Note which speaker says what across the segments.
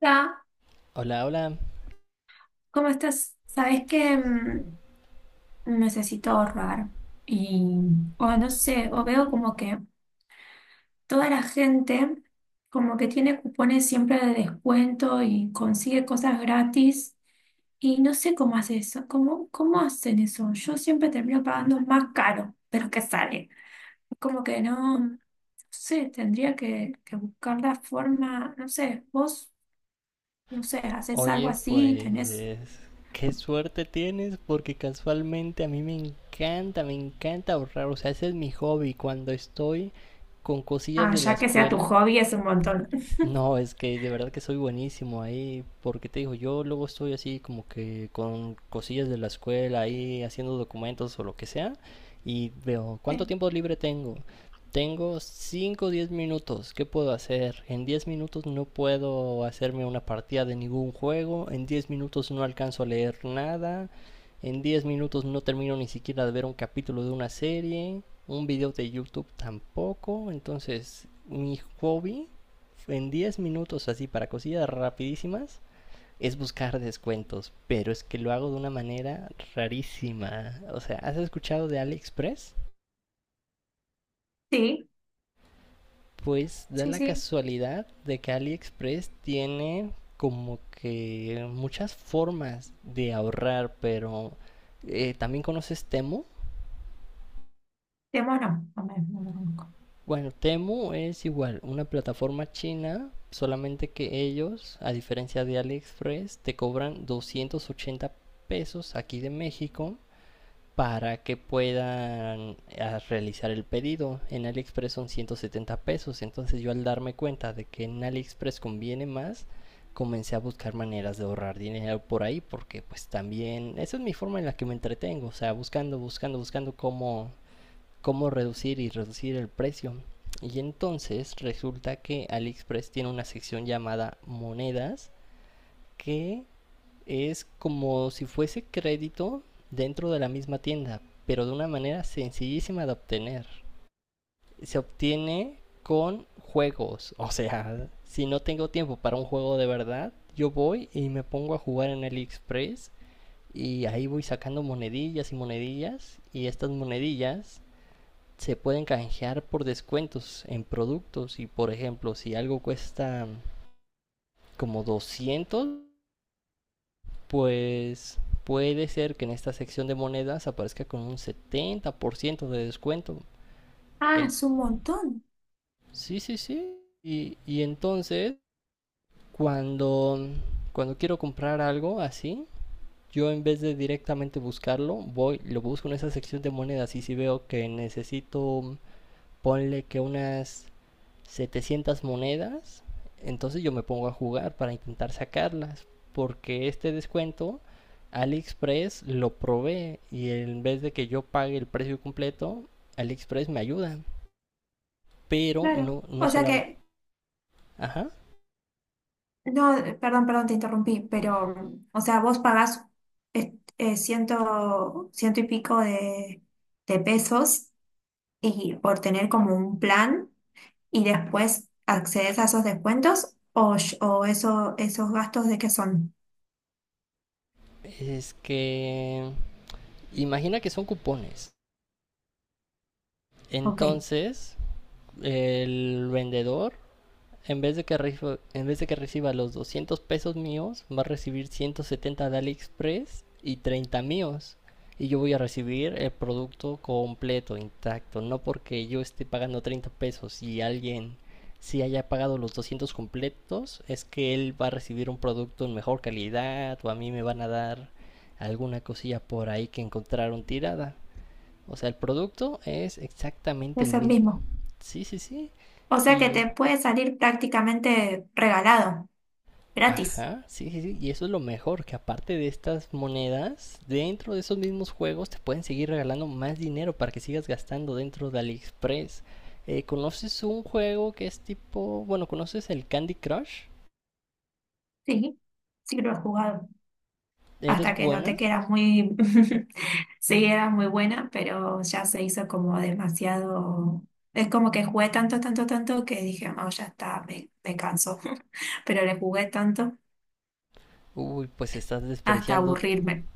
Speaker 1: Hola,
Speaker 2: Hola, hola.
Speaker 1: ¿cómo estás? Sabes que necesito ahorrar y, o no sé, o veo como que toda la gente como que tiene cupones siempre de descuento y consigue cosas gratis y no sé cómo hace eso, cómo, cómo hacen eso. Yo siempre termino pagando más caro de lo que sale. Como que no sé, tendría que buscar la forma, no sé, vos, no sé, haces algo
Speaker 2: Oye,
Speaker 1: así, tenés,
Speaker 2: pues qué suerte tienes porque casualmente a mí me encanta ahorrar. O sea, ese es mi hobby. Cuando estoy con cosillas
Speaker 1: ah,
Speaker 2: de la
Speaker 1: ya que sea tu
Speaker 2: escuela,
Speaker 1: hobby es un montón.
Speaker 2: no, es que de verdad que soy buenísimo ahí, porque te digo, yo luego estoy así como que con cosillas de la escuela ahí haciendo documentos o lo que sea, y veo cuánto
Speaker 1: Sí,
Speaker 2: tiempo libre tengo. Tengo 5, o 10 minutos, ¿qué puedo hacer? En 10 minutos no puedo hacerme una partida de ningún juego, en 10 minutos no alcanzo a leer nada, en 10 minutos no termino ni siquiera de ver un capítulo de una serie, un video de YouTube tampoco, entonces mi hobby en 10 minutos así para cosillas rapidísimas es buscar descuentos, pero es que lo hago de una manera rarísima. O sea, ¿has escuchado de AliExpress?
Speaker 1: sí,
Speaker 2: Pues da
Speaker 1: sí,
Speaker 2: la
Speaker 1: sí.
Speaker 2: casualidad de que AliExpress tiene como que muchas formas de ahorrar, pero también conoces Temu.
Speaker 1: De mono, no lo conozco.
Speaker 2: Bueno, Temu es igual, una plataforma china, solamente que ellos, a diferencia de AliExpress, te cobran 280 pesos aquí de México para que puedan realizar el pedido. En AliExpress son 170 pesos, entonces yo al darme cuenta de que en AliExpress conviene más, comencé a buscar maneras de ahorrar dinero por ahí, porque pues también esa es mi forma en la que me entretengo, o sea, buscando, buscando, buscando cómo reducir y reducir el precio. Y entonces resulta que AliExpress tiene una sección llamada monedas que es como si fuese crédito dentro de la misma tienda, pero de una manera sencillísima de obtener. Se obtiene con juegos, o sea, si no tengo tiempo para un juego de verdad, yo voy y me pongo a jugar en AliExpress y ahí voy sacando monedillas y monedillas y estas monedillas se pueden canjear por descuentos en productos y por ejemplo si algo cuesta como 200, pues puede ser que en esta sección de monedas aparezca con un 70% de descuento
Speaker 1: Ah,
Speaker 2: en...
Speaker 1: es un montón,
Speaker 2: sí, sí, sí. Y entonces cuando cuando quiero comprar algo así, yo en vez de directamente buscarlo, voy, lo busco en esa sección de monedas y si veo que necesito, ponle que unas 700 monedas, entonces yo me pongo a jugar para intentar sacarlas, porque este descuento AliExpress lo provee y en vez de que yo pague el precio completo, AliExpress me ayuda, pero
Speaker 1: claro.
Speaker 2: no
Speaker 1: O sea
Speaker 2: solamente.
Speaker 1: que,
Speaker 2: Ajá,
Speaker 1: no, perdón, te interrumpí, pero, o sea, vos pagás ciento y pico de pesos y por tener como un plan y después accedes a esos descuentos o eso, esos gastos de qué son.
Speaker 2: es que imagina que son cupones.
Speaker 1: Ok,
Speaker 2: Entonces, el vendedor, en vez de que reciba los 200 pesos míos, va a recibir 170 de AliExpress y 30 míos. Y yo voy a recibir el producto completo, intacto. No porque yo esté pagando 30 pesos y alguien si haya pagado los 200 completos, es que él va a recibir un producto en mejor calidad o a mí me van a dar alguna cosilla por ahí que encontraron tirada. O sea, el producto es exactamente el
Speaker 1: es el
Speaker 2: mismo.
Speaker 1: mismo.
Speaker 2: Sí, sí, sí.
Speaker 1: O sea que
Speaker 2: Y
Speaker 1: te puede salir prácticamente regalado, gratis.
Speaker 2: Ajá, sí, sí, sí. Y eso es lo mejor, que aparte de estas monedas, dentro de esos mismos juegos te pueden seguir regalando más dinero para que sigas gastando dentro de AliExpress. ¿Conoces un juego que es tipo, bueno, conoces el Candy Crush?
Speaker 1: Sí, sí lo he jugado.
Speaker 2: ¿Eres
Speaker 1: Hasta que noté
Speaker 2: buena?
Speaker 1: que era muy, sí, era muy buena, pero ya se hizo como demasiado. Es como que jugué tanto, tanto, tanto que dije, no, ya está, me canso. Pero le jugué tanto
Speaker 2: Uy, pues estás
Speaker 1: hasta
Speaker 2: desperdiciando.
Speaker 1: aburrirme.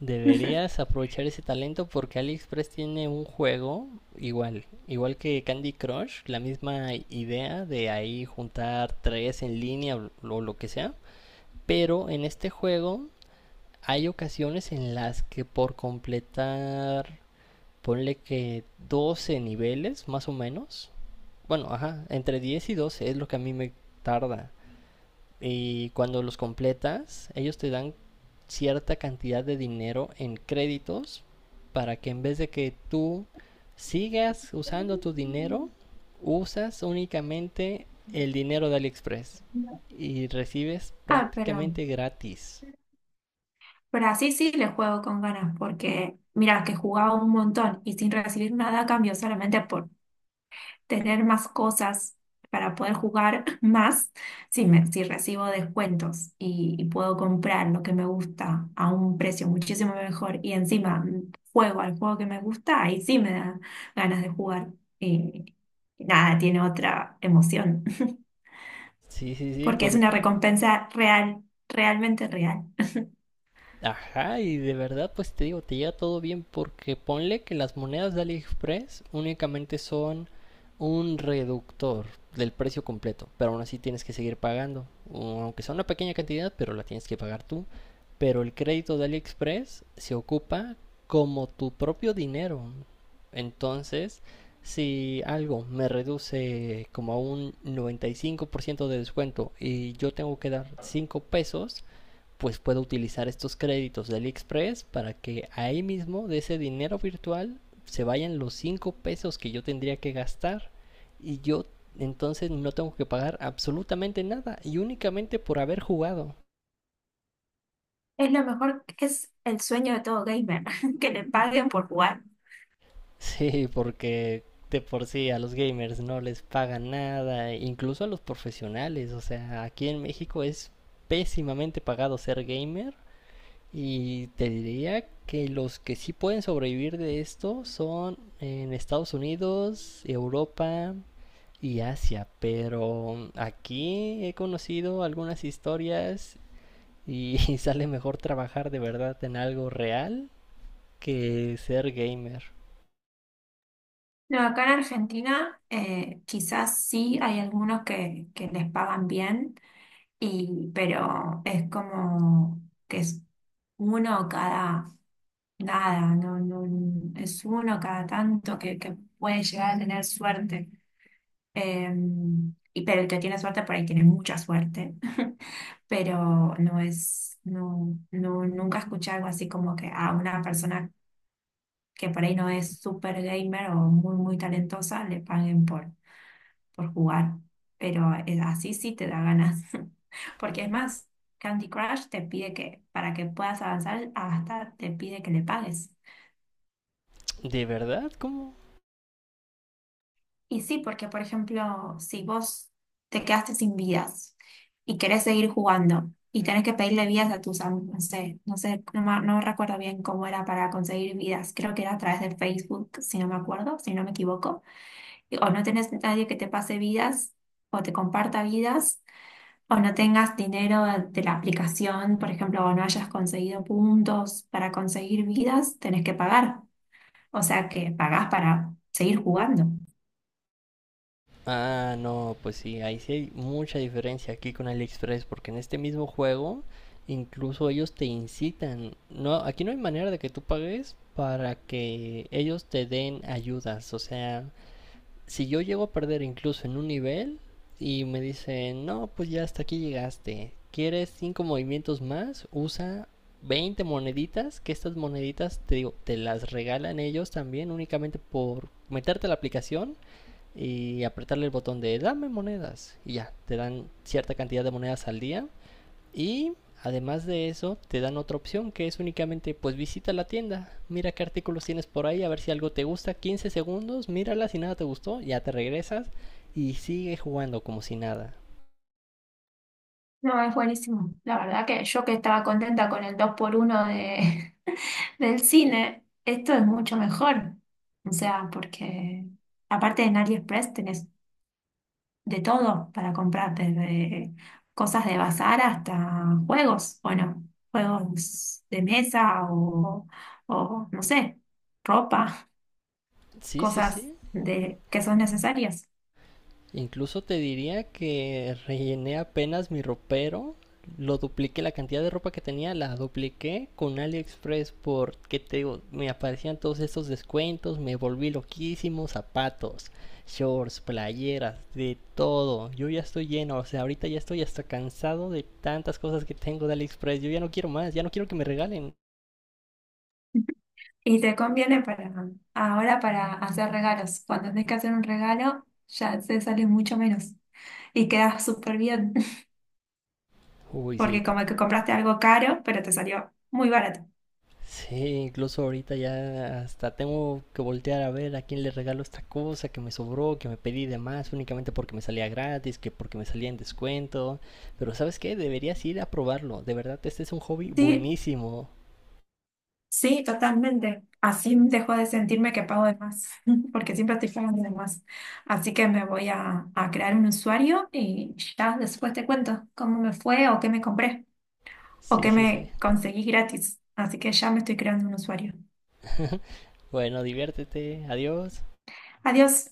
Speaker 2: Deberías aprovechar ese talento porque AliExpress tiene un juego igual, igual que Candy Crush, la misma idea de ahí juntar tres en línea o lo que sea. Pero en este juego, hay ocasiones en las que por completar, ponle que 12 niveles más o menos. Bueno, ajá, entre 10 y 12 es lo que a mí me tarda. Y cuando los completas, ellos te dan cierta cantidad de dinero en créditos para que en vez de que tú sigas usando tu dinero, usas únicamente el dinero de AliExpress y recibes
Speaker 1: Ah,
Speaker 2: prácticamente gratis.
Speaker 1: pero así sí le juego con ganas, porque mira, que jugaba un montón y sin recibir nada a cambio, solamente por, tener más cosas para poder jugar más si, si recibo descuentos y puedo comprar lo que me gusta a un precio muchísimo mejor y encima juego al juego que me gusta, ahí sí me da ganas de jugar. Y nada, tiene otra emoción,
Speaker 2: Sí, sí, sí,
Speaker 1: porque es
Speaker 2: por
Speaker 1: una recompensa real, realmente real.
Speaker 2: Ajá, y de verdad, pues te digo, te llega todo bien porque ponle que las monedas de AliExpress únicamente son un reductor del precio completo, pero aún así tienes que seguir pagando, o aunque sea una pequeña cantidad, pero la tienes que pagar tú. Pero el crédito de AliExpress se ocupa como tu propio dinero. Entonces, si algo me reduce como a un 95% de descuento y yo tengo que dar 5 pesos, pues puedo utilizar estos créditos de AliExpress para que ahí mismo de ese dinero virtual se vayan los 5 pesos que yo tendría que gastar y yo entonces no tengo que pagar absolutamente nada y únicamente por haber jugado.
Speaker 1: Es lo mejor, es el sueño de todo gamer, que le paguen por jugar.
Speaker 2: Sí, porque de por sí a los gamers no les pagan nada, incluso a los profesionales, o sea, aquí en México es pésimamente pagado ser gamer. Y te diría que los que sí pueden sobrevivir de esto son en Estados Unidos, Europa y Asia, pero aquí he conocido algunas historias y sale mejor trabajar de verdad en algo real que ser gamer.
Speaker 1: No, acá en Argentina quizás sí hay algunos que les pagan bien, y, pero es como que es uno cada nada, no, no, es uno cada tanto que puede llegar a tener suerte. Eh, y, pero el que tiene suerte por ahí tiene mucha suerte, pero no es, nunca escuché algo así como que a una persona que por ahí no es super gamer o muy, muy talentosa le paguen por jugar, pero así sí te da ganas, porque es más, Candy Crush te pide que, para que puedas avanzar, hasta te pide que le pagues.
Speaker 2: ¿De verdad? ¿Cómo?
Speaker 1: Y sí, porque por ejemplo, si vos te quedaste sin vidas y querés seguir jugando y tenés que pedirle vidas a tus amigos, no sé, no sé, no, no recuerdo bien cómo era para conseguir vidas, creo que era a través de Facebook, si no me acuerdo, si no me equivoco, o no tenés nadie que te pase vidas o te comparta vidas o no tengas dinero de la aplicación, por ejemplo, o no hayas conseguido puntos para conseguir vidas, tenés que pagar. O sea que pagás para seguir jugando.
Speaker 2: Ah, no, pues sí, ahí sí hay mucha diferencia aquí con AliExpress, porque en este mismo juego incluso ellos te incitan. No, aquí no hay manera de que tú pagues para que ellos te den ayudas. O sea, si yo llego a perder incluso en un nivel y me dicen, no, pues ya hasta aquí llegaste. ¿Quieres 5 movimientos más? Usa 20 moneditas, que estas moneditas te digo, te las regalan ellos también únicamente por meterte a la aplicación y apretarle el botón de dame monedas y ya, te dan cierta cantidad de monedas al día y además de eso te dan otra opción que es únicamente pues visita la tienda, mira qué artículos tienes por ahí, a ver si algo te gusta, 15 segundos, mírala si nada te gustó, ya te regresas y sigue jugando como si nada.
Speaker 1: No, es buenísimo. La verdad que yo que estaba contenta con el dos por uno de, del cine, esto es mucho mejor. O sea, porque aparte en AliExpress tenés de todo para comprar, desde cosas de bazar hasta juegos, bueno, juegos de mesa o, no sé, ropa,
Speaker 2: Sí, sí,
Speaker 1: cosas
Speaker 2: sí.
Speaker 1: de, que son necesarias.
Speaker 2: Incluso te diría que rellené apenas mi ropero, lo dupliqué, la cantidad de ropa que tenía la dupliqué con AliExpress porque te digo, me aparecían todos estos descuentos, me volví loquísimo, zapatos, shorts, playeras, de todo. Yo ya estoy lleno, o sea, ahorita ya estoy hasta cansado de tantas cosas que tengo de AliExpress, yo ya no quiero más, ya no quiero que me regalen.
Speaker 1: Y te conviene para ahora para hacer regalos. Cuando tenés que hacer un regalo, ya te sale mucho menos y quedas súper bien,
Speaker 2: Uy, sí.
Speaker 1: porque como que compraste algo caro, pero te salió muy barato.
Speaker 2: Sí, incluso ahorita ya hasta tengo que voltear a ver a quién le regalo esta cosa que me sobró, que me pedí de más únicamente porque me salía gratis, que porque me salía en descuento. Pero ¿sabes qué? Deberías ir a probarlo. De verdad, este es un hobby
Speaker 1: Sí,
Speaker 2: buenísimo.
Speaker 1: sí, totalmente. Así dejo de sentirme que pago de más, porque siempre estoy pagando de más. Así que me voy a crear un usuario y ya después te cuento cómo me fue o qué me compré o
Speaker 2: Sí,
Speaker 1: qué
Speaker 2: sí, sí.
Speaker 1: me conseguí gratis. Así que ya me estoy creando un usuario.
Speaker 2: Bueno, diviértete. Adiós.
Speaker 1: Adiós.